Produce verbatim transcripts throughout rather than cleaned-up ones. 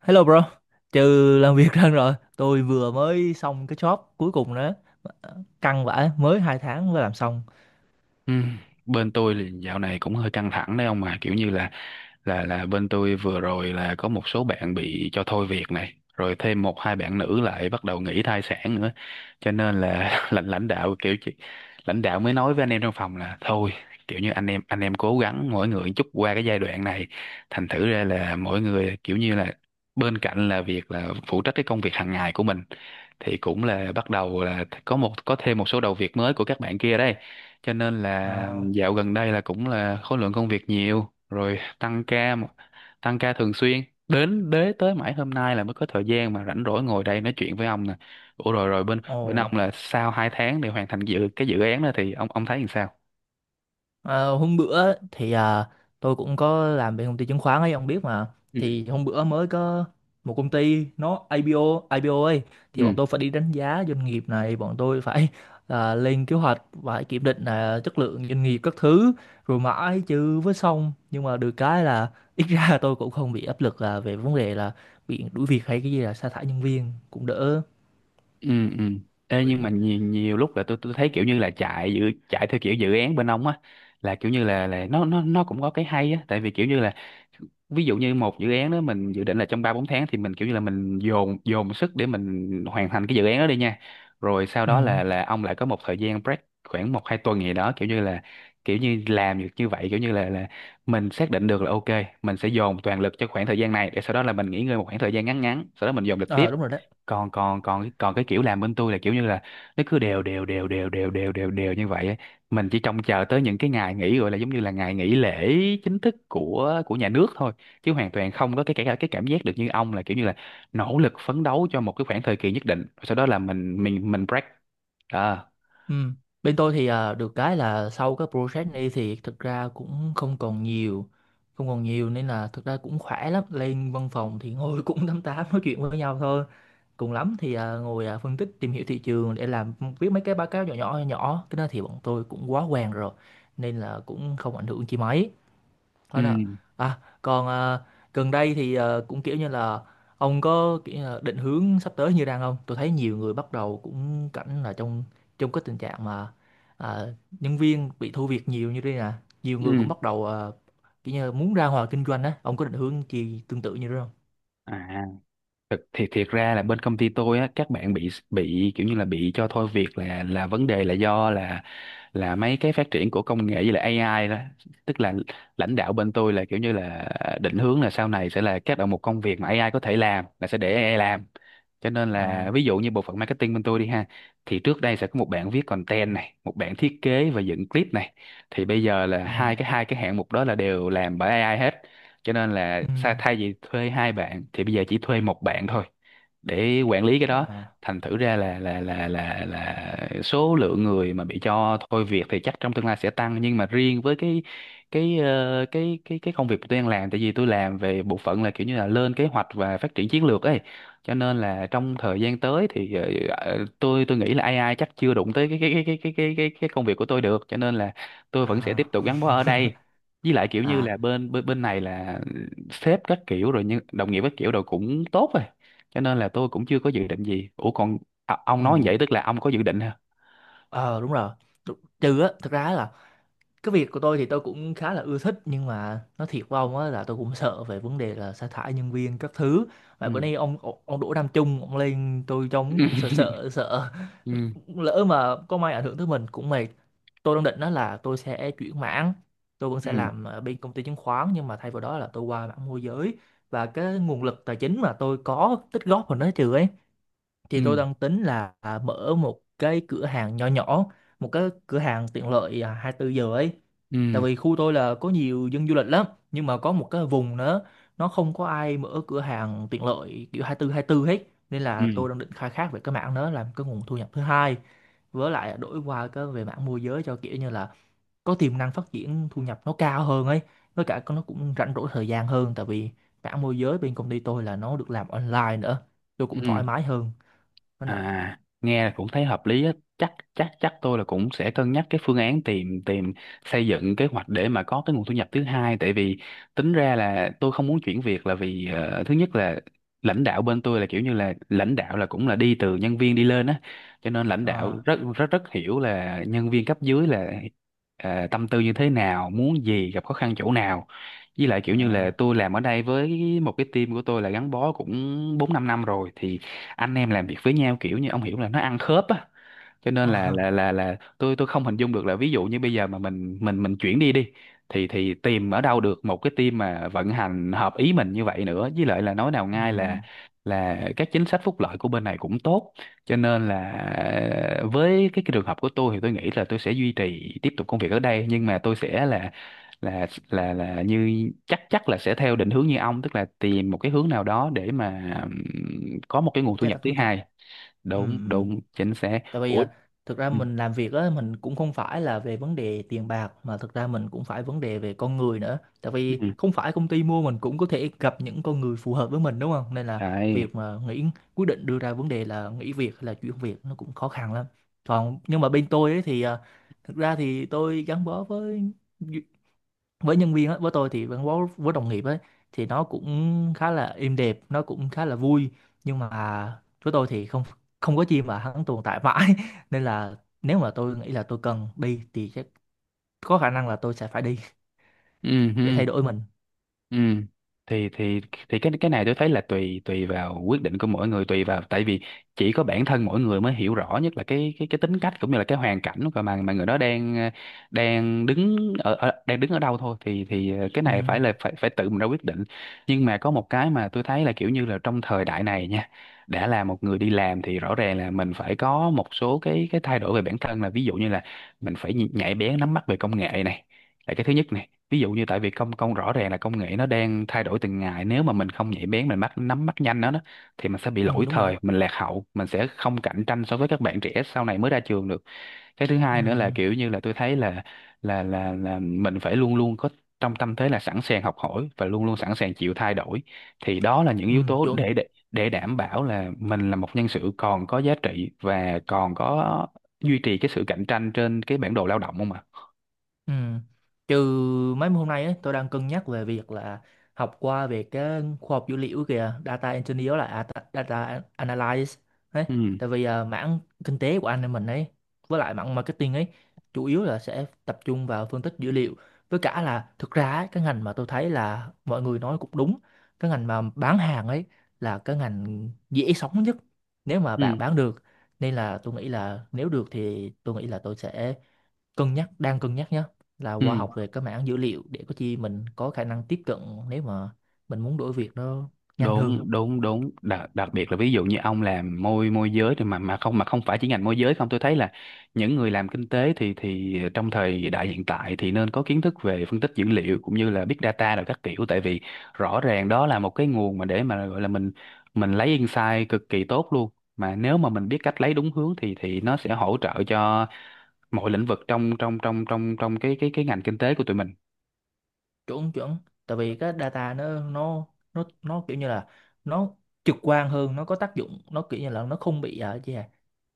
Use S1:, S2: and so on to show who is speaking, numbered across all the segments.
S1: Hello bro, trừ làm việc ra rồi, tôi vừa mới xong cái job cuối cùng đó, căng vãi, mới hai tháng mới làm xong.
S2: Ừ. Bên tôi thì dạo này cũng hơi căng thẳng đấy ông, mà kiểu như là là là bên tôi vừa rồi là có một số bạn bị cho thôi việc này, rồi thêm một hai bạn nữ lại bắt đầu nghỉ thai sản nữa, cho nên là lãnh lãnh đạo kiểu chị lãnh đạo mới nói với anh em trong phòng là thôi, kiểu như anh em anh em cố gắng mỗi người chút qua cái giai đoạn này. Thành thử ra là mỗi người kiểu như là bên cạnh là việc là phụ trách cái công việc hàng ngày của mình, thì cũng là bắt đầu là có một có thêm một số đầu việc mới của các bạn kia đây, cho nên là
S1: Đó.
S2: dạo gần đây là cũng là khối lượng công việc nhiều, rồi tăng ca mà- tăng ca thường xuyên đến đế tới mãi hôm nay là mới có thời gian mà rảnh rỗi ngồi đây nói chuyện với ông nè. Ủa, rồi rồi bên bên
S1: Ồ,
S2: ông là sau hai tháng để hoàn thành dự cái dự án đó thì ông ông thấy làm sao?
S1: Ờ, hôm bữa thì à, tôi cũng có làm bên công ty chứng khoán ấy, ông biết mà.
S2: Ừ.
S1: Thì hôm bữa mới có một công ty nó ai pi âu, i pi ô ấy, thì
S2: ừ
S1: bọn tôi phải đi đánh giá doanh nghiệp này. Bọn tôi phải à, lên kế hoạch, phải kiểm định là chất lượng doanh nghiệp các thứ, rồi mãi chứ với xong. Nhưng mà được cái là ít ra tôi cũng không bị áp lực là về vấn đề là bị đuổi việc hay cái gì, là sa thải nhân viên cũng đỡ.
S2: ừ ừ Ê,
S1: Ừ.
S2: nhưng mà nhiều, nhiều lúc là tôi tôi thấy kiểu như là chạy dự chạy theo kiểu dự án bên ông á, là kiểu như là là nó nó nó cũng có cái hay á, tại vì kiểu như là ví dụ như một dự án đó mình dự định là trong ba bốn tháng, thì mình kiểu như là mình dồn dồn sức để mình hoàn thành cái dự án đó đi nha, rồi sau
S1: Ừ.
S2: đó là là ông lại có một thời gian break khoảng một hai tuần gì đó, kiểu như là kiểu như làm được như vậy kiểu như là là mình xác định được là ok, mình sẽ dồn toàn lực cho khoảng thời gian này để sau đó là mình nghỉ ngơi một khoảng thời gian ngắn ngắn, sau đó mình dồn lực
S1: À,
S2: tiếp.
S1: đúng rồi đấy.
S2: Còn còn còn còn cái kiểu làm bên tôi là kiểu như là nó cứ đều đều đều đều đều đều đều đều như vậy ấy. Mình chỉ trông chờ tới những cái ngày nghỉ gọi là giống như là ngày nghỉ lễ chính thức của của nhà nước thôi, chứ hoàn toàn không có cái cái cái cảm giác được như ông là kiểu như là nỗ lực phấn đấu cho một cái khoảng thời kỳ nhất định, sau đó là mình mình mình break. Đó.
S1: Ừ. Bên tôi thì à, được cái là sau cái project này thì thực ra cũng không còn nhiều, không còn nhiều nên là thực ra cũng khỏe lắm. Lên văn phòng thì ngồi cũng tám tám nói chuyện với nhau thôi. Cùng lắm thì à, ngồi à, phân tích tìm hiểu thị trường để làm, viết mấy cái báo cáo nhỏ nhỏ nhỏ nhỏ. Cái đó thì bọn tôi cũng quá quen rồi nên là cũng không ảnh hưởng chi mấy.
S2: ừ.
S1: Thôi nè. À, còn à, gần đây thì à, cũng kiểu như là ông có kiểu như là định hướng sắp tới như đang không? Tôi thấy nhiều người bắt đầu cũng cảnh là trong trong cái tình trạng mà à, nhân viên bị thu việc nhiều như thế nè. Nhiều người cũng
S2: Ừ.
S1: bắt đầu à, kiểu như là muốn ra ngoài kinh doanh á. Ông có định hướng gì tương tự như thế không?
S2: À, thực thì thiệt ra là bên công ty tôi á, các bạn bị bị kiểu như là bị cho thôi việc là là vấn đề là do là là mấy cái phát triển của công nghệ với lại a i đó, tức là lãnh đạo bên tôi là kiểu như là định hướng là sau này sẽ là các đầu mục công việc mà a i có thể làm là sẽ để a i làm. Cho nên
S1: Ờ.
S2: là ví dụ như bộ phận marketing bên tôi đi ha, thì trước đây sẽ có một bạn viết content này, một bạn thiết kế và dựng clip này, thì bây giờ là
S1: Ừ.
S2: hai cái hai cái hạng mục đó là đều làm bởi ây ai hết, cho nên là
S1: Ừ.
S2: sa- thay vì thuê hai bạn thì bây giờ chỉ thuê một bạn thôi để quản lý cái đó.
S1: À.
S2: Thành thử ra là là là là là số lượng người mà bị cho thôi việc thì chắc trong tương lai sẽ tăng, nhưng mà riêng với cái cái ờ, cái cái cái công việc tôi đang làm, tại vì tôi làm về bộ phận là kiểu như là lên kế hoạch và phát triển chiến lược ấy, cho nên là trong thời gian tới thì ờ, ờ, tôi tôi nghĩ là a i chắc chưa đụng tới cái cái cái cái cái cái cái cái công việc của tôi được, cho nên là tôi vẫn sẽ tiếp
S1: À.
S2: tục gắn bó ở đây, với lại kiểu như
S1: À.
S2: là bên bên bên này là sếp các kiểu rồi, nhưng đồng nghiệp các kiểu rồi cũng tốt rồi, cho nên là tôi cũng chưa có dự định gì. Ủa còn, à, ông nói như
S1: Ừ.
S2: vậy tức là ông có dự định hả?
S1: Ờ, đúng rồi. Tr- Trừ á, thực ra là cái việc của tôi thì tôi cũng khá là ưa thích, nhưng mà nói thiệt với ông á là tôi cũng sợ về vấn đề là sa thải nhân viên các thứ. Mà bữa nay ông ông ông Đỗ Nam Trung ông lên, tôi trông
S2: Ừ
S1: cũng sợ sợ sợ
S2: ừ
S1: Lỡ mà có may ảnh hưởng tới mình cũng mệt. Tôi đang định đó là tôi sẽ chuyển mảng. Tôi vẫn sẽ
S2: ừ
S1: làm ở bên công ty chứng khoán nhưng mà thay vào đó là tôi qua mảng môi giới, và cái nguồn lực tài chính mà tôi có tích góp vào nó trừ ấy,
S2: ừ
S1: thì tôi đang tính là à, mở một cái cửa hàng nhỏ nhỏ, một cái cửa hàng tiện lợi à, hai mươi tư giờ ấy. Tại
S2: ừ
S1: vì khu tôi là có nhiều dân du lịch lắm, nhưng mà có một cái vùng nữa nó không có ai mở cửa hàng tiện lợi kiểu 24 24 hết, nên là
S2: ừ,
S1: tôi đang định khai thác về cái mảng đó làm cái nguồn thu nhập thứ hai. Với lại đổi qua cái về mảng môi giới cho kiểu như là có tiềm năng phát triển thu nhập nó cao hơn ấy, với cả nó cũng rảnh rỗi thời gian hơn, tại vì mảng môi giới bên công ty tôi là nó được làm online nữa, tôi cũng
S2: ừ.
S1: thoải mái hơn.
S2: À, nghe là cũng thấy hợp lý á. Chắc chắc chắc tôi là cũng sẽ cân nhắc cái phương án tìm tìm xây dựng kế hoạch để mà có cái nguồn thu nhập thứ hai, tại vì tính ra là tôi không muốn chuyển việc là vì ờ, thứ nhất là lãnh đạo bên tôi là kiểu như là lãnh đạo là cũng là đi từ nhân viên đi lên á, cho nên lãnh đạo
S1: Ờ,
S2: rất rất rất hiểu là nhân viên cấp dưới là ờ, tâm tư như thế nào, muốn gì, gặp khó khăn chỗ nào. Với lại kiểu như
S1: ờ,
S2: là tôi làm ở đây với một cái team của tôi là gắn bó cũng bốn năm năm rồi, thì anh em làm việc với nhau kiểu như ông hiểu là nó ăn khớp á, cho nên là
S1: ờ,
S2: là là là tôi tôi không hình dung được là ví dụ như bây giờ mà mình mình mình chuyển đi đi thì thì tìm ở đâu được một cái team mà vận hành hợp ý mình như vậy nữa. Với lại là nói nào ngay là
S1: ừm,
S2: là các chính sách phúc lợi của bên này cũng tốt, cho nên là ờ, với cái, cái trường hợp của tôi thì tôi nghĩ là tôi sẽ duy trì tiếp tục công việc ở đây, nhưng mà tôi sẽ là là là là như chắc chắc là sẽ theo định hướng như ông, tức là tìm một cái hướng nào đó để mà ừm, có một cái nguồn thu
S1: gia
S2: nhập
S1: tăng
S2: thứ
S1: thu nhập.
S2: hai.
S1: Ừm,
S2: Đúng
S1: ừm.
S2: đúng, chính xác.
S1: Tại vì
S2: Ủa.
S1: à, thực ra
S2: Ừ.
S1: mình làm việc á mình cũng không phải là về vấn đề tiền bạc, mà thực ra mình cũng phải vấn đề về con người nữa, tại
S2: ừ.
S1: vì không phải công ty mua mình cũng có thể gặp những con người phù hợp với mình đúng không, nên là
S2: Đấy.
S1: việc mà nghĩ, quyết định đưa ra vấn đề là nghỉ việc hay là chuyển việc nó cũng khó khăn lắm. Còn nhưng mà bên tôi ấy thì à, thực ra thì tôi gắn bó với với nhân viên á, với tôi thì gắn bó với đồng nghiệp ấy thì nó cũng khá là êm đẹp, nó cũng khá là vui. Nhưng mà với tôi thì không, không có chi mà hắn tồn tại mãi nên là nếu mà tôi nghĩ là tôi cần đi thì chắc có khả năng là tôi sẽ phải đi,
S2: Ừ.
S1: để
S2: ừ.
S1: thay đổi mình.
S2: Ừ. Thì thì thì cái cái này tôi thấy là tùy tùy vào quyết định của mỗi người, tùy vào, tại vì chỉ có bản thân mỗi người mới hiểu rõ nhất là cái cái cái tính cách cũng như là cái hoàn cảnh của mà mà người đó đang ờ, đang đứng ở, ở, đang đứng ở đâu thôi, thì thì ờ, cái
S1: Ừ,
S2: này phải là phải phải tự mình ra quyết định. Nhưng mà có một cái mà tôi thấy là kiểu như là trong thời đại này nha, đã là một người đi làm thì rõ ràng là mình phải có một số cái cái thay đổi về bản thân, là ví dụ như là mình phải nhạy bén nắm bắt về công nghệ này, là cái thứ nhất này. Ví dụ như tại vì công công rõ ràng là công nghệ nó đang thay đổi từng ngày, nếu mà mình không nhạy bén, mình bắt nắm bắt nhanh nó đó, thì mình sẽ bị
S1: ừ,
S2: lỗi
S1: đúng rồi đó.
S2: thời, mình lạc hậu, mình sẽ không cạnh tranh so với các bạn trẻ sau này mới ra trường được. Cái thứ
S1: Ừ,
S2: hai nữa là kiểu như là tôi thấy là là là là mình phải luôn luôn có trong tâm thế là sẵn sàng học hỏi và luôn luôn sẵn sàng chịu thay đổi, thì đó là những
S1: ừ,
S2: yếu tố
S1: chuẩn.
S2: để để để đảm bảo là mình là một nhân sự còn có giá trị và còn có duy trì cái sự cạnh tranh trên cái bản đồ lao động, không ạ?
S1: Ừ. Trừ mấy hôm nay ấy, tôi đang cân nhắc về việc là học qua về cái khoa học dữ liệu kìa, data engineer, là à, ta- data analyst đấy.
S2: ừ
S1: Tại vì à, mảng kinh tế của anh em mình ấy, với lại mảng marketing ấy, chủ yếu là sẽ tập trung vào phân tích dữ liệu. Với cả là thực ra ấy, cái ngành mà tôi thấy là mọi người nói cũng đúng, cái ngành mà bán hàng ấy là cái ngành dễ sống nhất, nếu mà bạn
S2: ừ
S1: bán được. Nên là tôi nghĩ là nếu được thì tôi nghĩ là tôi sẽ cân nhắc, đang cân nhắc nhé, là qua
S2: ừ
S1: học về cái mảng dữ liệu để có chi mình có khả năng tiếp cận nếu mà mình muốn đổi việc nó nhanh hơn.
S2: Đúng đúng đúng, đặc, đặc biệt là ví dụ như ông làm môi môi giới thì mà mà không, mà không phải chỉ ngành môi giới không, tôi thấy là những người làm kinh tế thì thì trong thời đại hiện tại thì nên có kiến thức về phân tích dữ liệu cũng như là big data rồi các kiểu, tại vì rõ ràng đó là một cái nguồn mà để mà gọi là mình mình lấy insight cực kỳ tốt luôn. Mà nếu mà mình biết cách lấy đúng hướng thì thì nó sẽ hỗ trợ cho mọi lĩnh vực trong trong trong trong trong cái cái cái ngành kinh tế của tụi mình.
S1: Chuẩn chuẩn, tại vì cái data nó nó nó nó kiểu như là nó trực quan hơn, nó có tác dụng, nó kiểu như là nó không bị à, gì à,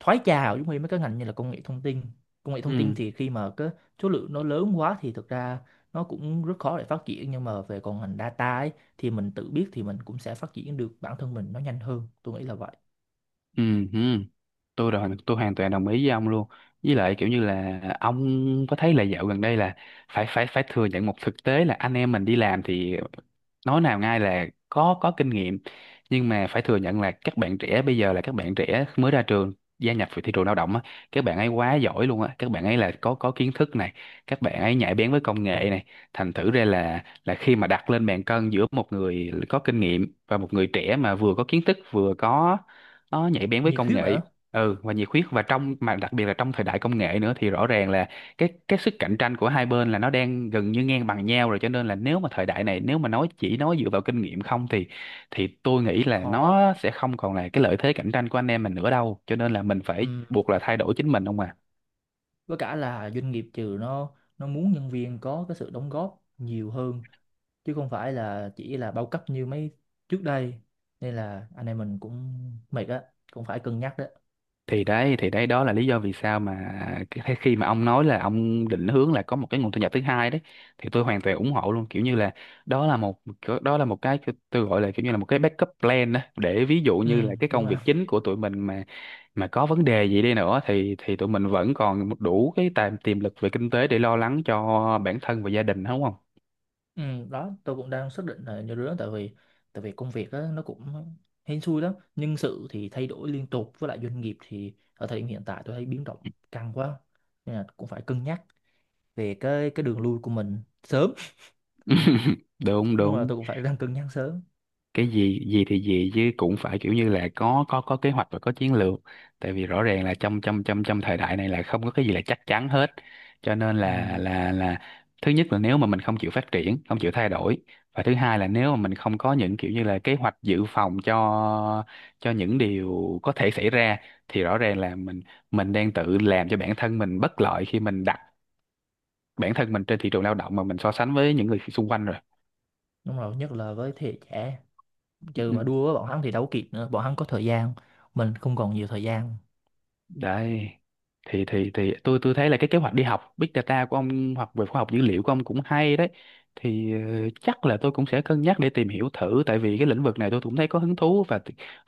S1: thoái trào giống như mấy cái ngành như là công nghệ thông tin. Công nghệ thông tin
S2: ừ
S1: thì khi mà cái số lượng nó lớn quá thì thực ra nó cũng rất khó để phát triển, nhưng mà về còn ngành data ấy, thì mình tự biết thì mình cũng sẽ phát triển được bản thân mình nó nhanh hơn, tôi nghĩ là vậy.
S2: ừ ừ tôi rồi tôi hoàn toàn đồng ý với ông luôn. Với lại kiểu như là ông có thấy là dạo gần đây là phải phải phải thừa nhận một thực tế là anh em mình đi làm thì nói nào ngay là có có kinh nghiệm, nhưng mà phải thừa nhận là các bạn trẻ bây giờ là các bạn trẻ mới ra trường gia nhập vào thị trường lao động á, các bạn ấy quá giỏi luôn á, các bạn ấy là có có kiến thức này, các bạn ấy nhạy bén với công nghệ này, thành thử ra là là khi mà đặt lên bàn cân giữa một người có kinh nghiệm và một người trẻ mà vừa có kiến thức vừa có nó nhạy bén với
S1: Nhiệt
S2: công
S1: huyết
S2: nghệ.
S1: nữa.
S2: Ừ, và nhiệt huyết, và trong mà đặc biệt là trong thời đại công nghệ nữa thì rõ ràng là cái cái sức cạnh tranh của hai bên là nó đang gần như ngang bằng nhau rồi, cho nên là nếu mà thời đại này nếu mà nói chỉ nói dựa vào kinh nghiệm không thì thì tôi nghĩ là
S1: Khó.
S2: nó sẽ không còn là cái lợi thế cạnh tranh của anh em mình nữa đâu, cho nên là mình phải
S1: Ừm,
S2: buộc là thay đổi chính mình không à.
S1: với cả là doanh nghiệp trừ nó nó muốn nhân viên có cái sự đóng góp nhiều hơn chứ không phải là chỉ là bao cấp như mấy trước đây, nên là anh em mình cũng mệt á, cũng phải cân nhắc đó.
S2: Thì đấy thì đấy đó là lý do vì sao mà cái thế khi mà ông nói là ông định hướng là có một cái nguồn thu nhập thứ hai đấy thì tôi hoàn toàn ủng hộ luôn, kiểu như là đó là một, đó là một cái tôi gọi là kiểu như là một cái backup plan đó, để ví dụ
S1: Ừ,
S2: như là cái
S1: đúng
S2: công
S1: rồi.
S2: việc chính của tụi mình mà mà có vấn đề gì đi nữa thì thì tụi mình vẫn còn một đủ cái tài tiềm lực về kinh tế để lo lắng cho bản thân và gia đình, đúng không?
S1: Ừ, đó, tôi cũng đang xác định là như đứa. Tại vì, tại vì công việc á nó cũng hên xui lắm, nhân sự thì thay đổi liên tục, với lại doanh nghiệp thì ở thời điểm hiện tại tôi thấy biến động căng quá, nên là cũng phải cân nhắc về cái cái đường lui của mình sớm.
S2: Đúng,
S1: Đúng rồi,
S2: đúng.
S1: tôi cũng phải đang cân nhắc sớm.
S2: Cái gì gì thì gì chứ cũng phải kiểu như là có có có kế hoạch và có chiến lược. Tại vì rõ ràng là trong trong trong trong thời đại này là không có cái gì là chắc chắn hết, cho nên là
S1: Ừ,
S2: là là thứ nhất là nếu mà mình không chịu phát triển không chịu thay đổi, và thứ hai là nếu mà mình không có những kiểu như là kế hoạch dự phòng cho cho những điều có thể xảy ra, thì rõ ràng là mình mình đang tự làm cho bản thân mình bất lợi khi mình đặt bản thân mình trên thị trường lao động mà mình so sánh với những người xung quanh rồi.
S1: đúng rồi, nhất là với thế hệ trẻ.
S2: Ừ,
S1: Trừ
S2: ừ.
S1: mà đua với bọn hắn thì đâu có kịp nữa, bọn hắn có thời gian, mình không còn nhiều thời gian.
S2: Đấy. Thì thì thì tôi tôi thấy là cái kế hoạch đi học Big Data của ông hoặc về khoa học dữ liệu của ông cũng hay đấy. Thì ờ, chắc là tôi cũng sẽ cân nhắc để tìm hiểu thử, tại vì cái lĩnh vực này tôi cũng thấy có hứng thú, và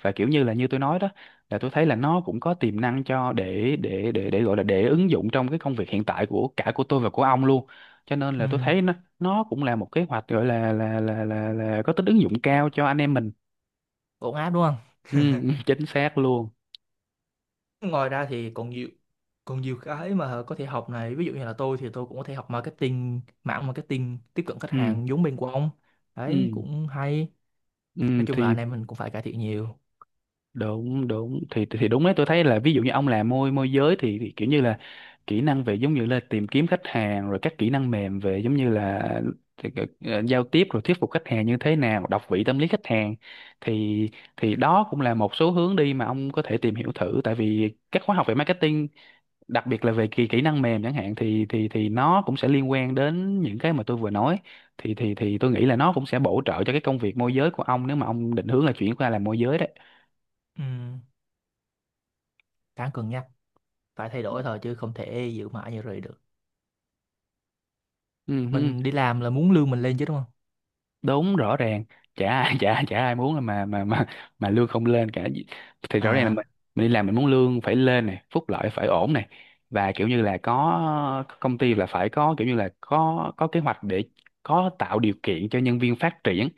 S2: và kiểu như là như tôi nói đó, là tôi thấy là nó cũng có tiềm năng cho để để để để gọi là để ứng dụng trong cái công việc hiện tại của cả của tôi và của ông luôn. Cho nên
S1: Ừ.
S2: là tôi thấy nó nó cũng là một kế hoạch gọi là là là là, là có tính ứng dụng cao cho anh em mình.
S1: Ổn áp đúng không?
S2: Ừ, chính xác luôn.
S1: Ngoài ra thì còn nhiều, còn nhiều cái mà có thể học này, ví dụ như là tôi thì tôi cũng có thể học marketing, mảng marketing tiếp cận khách
S2: Ừ.
S1: hàng giống bên của ông. Đấy
S2: Ừ.
S1: cũng hay. Nói
S2: Ừ,
S1: chung là
S2: thì
S1: anh em mình cũng phải cải thiện nhiều.
S2: đúng đúng thì thì đúng đấy, tôi thấy là ví dụ như ông làm môi môi giới thì, thì kiểu như là kỹ năng về giống như là tìm kiếm khách hàng rồi các kỹ năng mềm về giống như là thì cái- ờ, giao tiếp rồi thuyết phục khách hàng như thế nào, đọc vị tâm lý khách hàng, thì thì đó cũng là một số hướng đi mà ông có thể tìm hiểu thử, tại vì các khóa học về marketing đặc biệt là về kỹ kỹ năng mềm chẳng hạn thì thì thì nó cũng sẽ liên quan đến những cái mà tôi vừa nói, thì thì thì tôi nghĩ là nó cũng sẽ bổ trợ cho cái công việc môi giới của ông nếu mà ông định hướng là chuyển qua làm môi giới đấy.
S1: Ừ. Đáng cân nhắc. Phải thay đổi thôi chứ không thể giữ mãi như vậy được.
S2: Ừ.
S1: Mình đi làm là muốn lương mình lên chứ, đúng không?
S2: Đúng, rõ ràng. Chả ai chả chả ai muốn mà mà mà mà lương không lên cả, thì rõ ràng là
S1: À,
S2: mình, mình đi làm mình muốn lương phải lên này, phúc lợi phải ổn này, và kiểu như là có công ty là phải có kiểu như là có có kế hoạch để có tạo điều kiện cho nhân viên phát triển.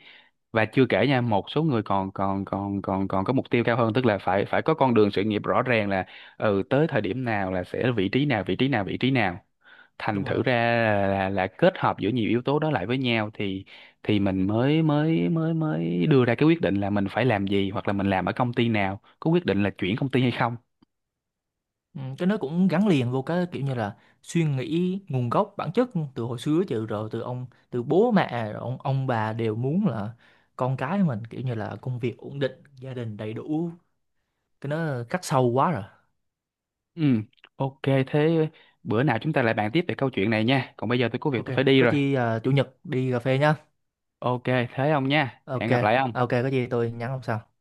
S2: Và chưa kể nha, một số người còn còn còn còn còn có mục tiêu cao hơn, tức là phải phải có con đường sự nghiệp rõ ràng, là ừ tới thời điểm nào là sẽ vị trí nào, vị trí nào, vị trí nào. Thành
S1: đúng rồi.
S2: thử ra là, là, là kết hợp giữa nhiều yếu tố đó lại với nhau thì thì mình mới mới mới mới đưa ra cái quyết định là mình phải làm gì, hoặc là mình làm ở công ty nào, có quyết định là chuyển công ty hay không.
S1: Ừ, cái nó cũng gắn liền vô cái kiểu như là suy nghĩ nguồn gốc bản chất từ hồi xưa chứ, rồi từ ông, từ bố mẹ rồi ông ông bà đều muốn là con cái mình kiểu như là công việc ổn định, gia đình đầy đủ, cái nó khắc sâu quá rồi.
S2: Ừ, ok. Thế bữa nào chúng ta lại bàn tiếp về câu chuyện này nha, còn bây giờ tôi có việc
S1: Ok.
S2: tôi phải đi
S1: Có
S2: rồi.
S1: chi à, chủ nhật đi cà phê nhá.
S2: Ok, thế ông nha,
S1: Ok.
S2: hẹn gặp lại ông.
S1: Ok, có gì tôi nhắn ông sau.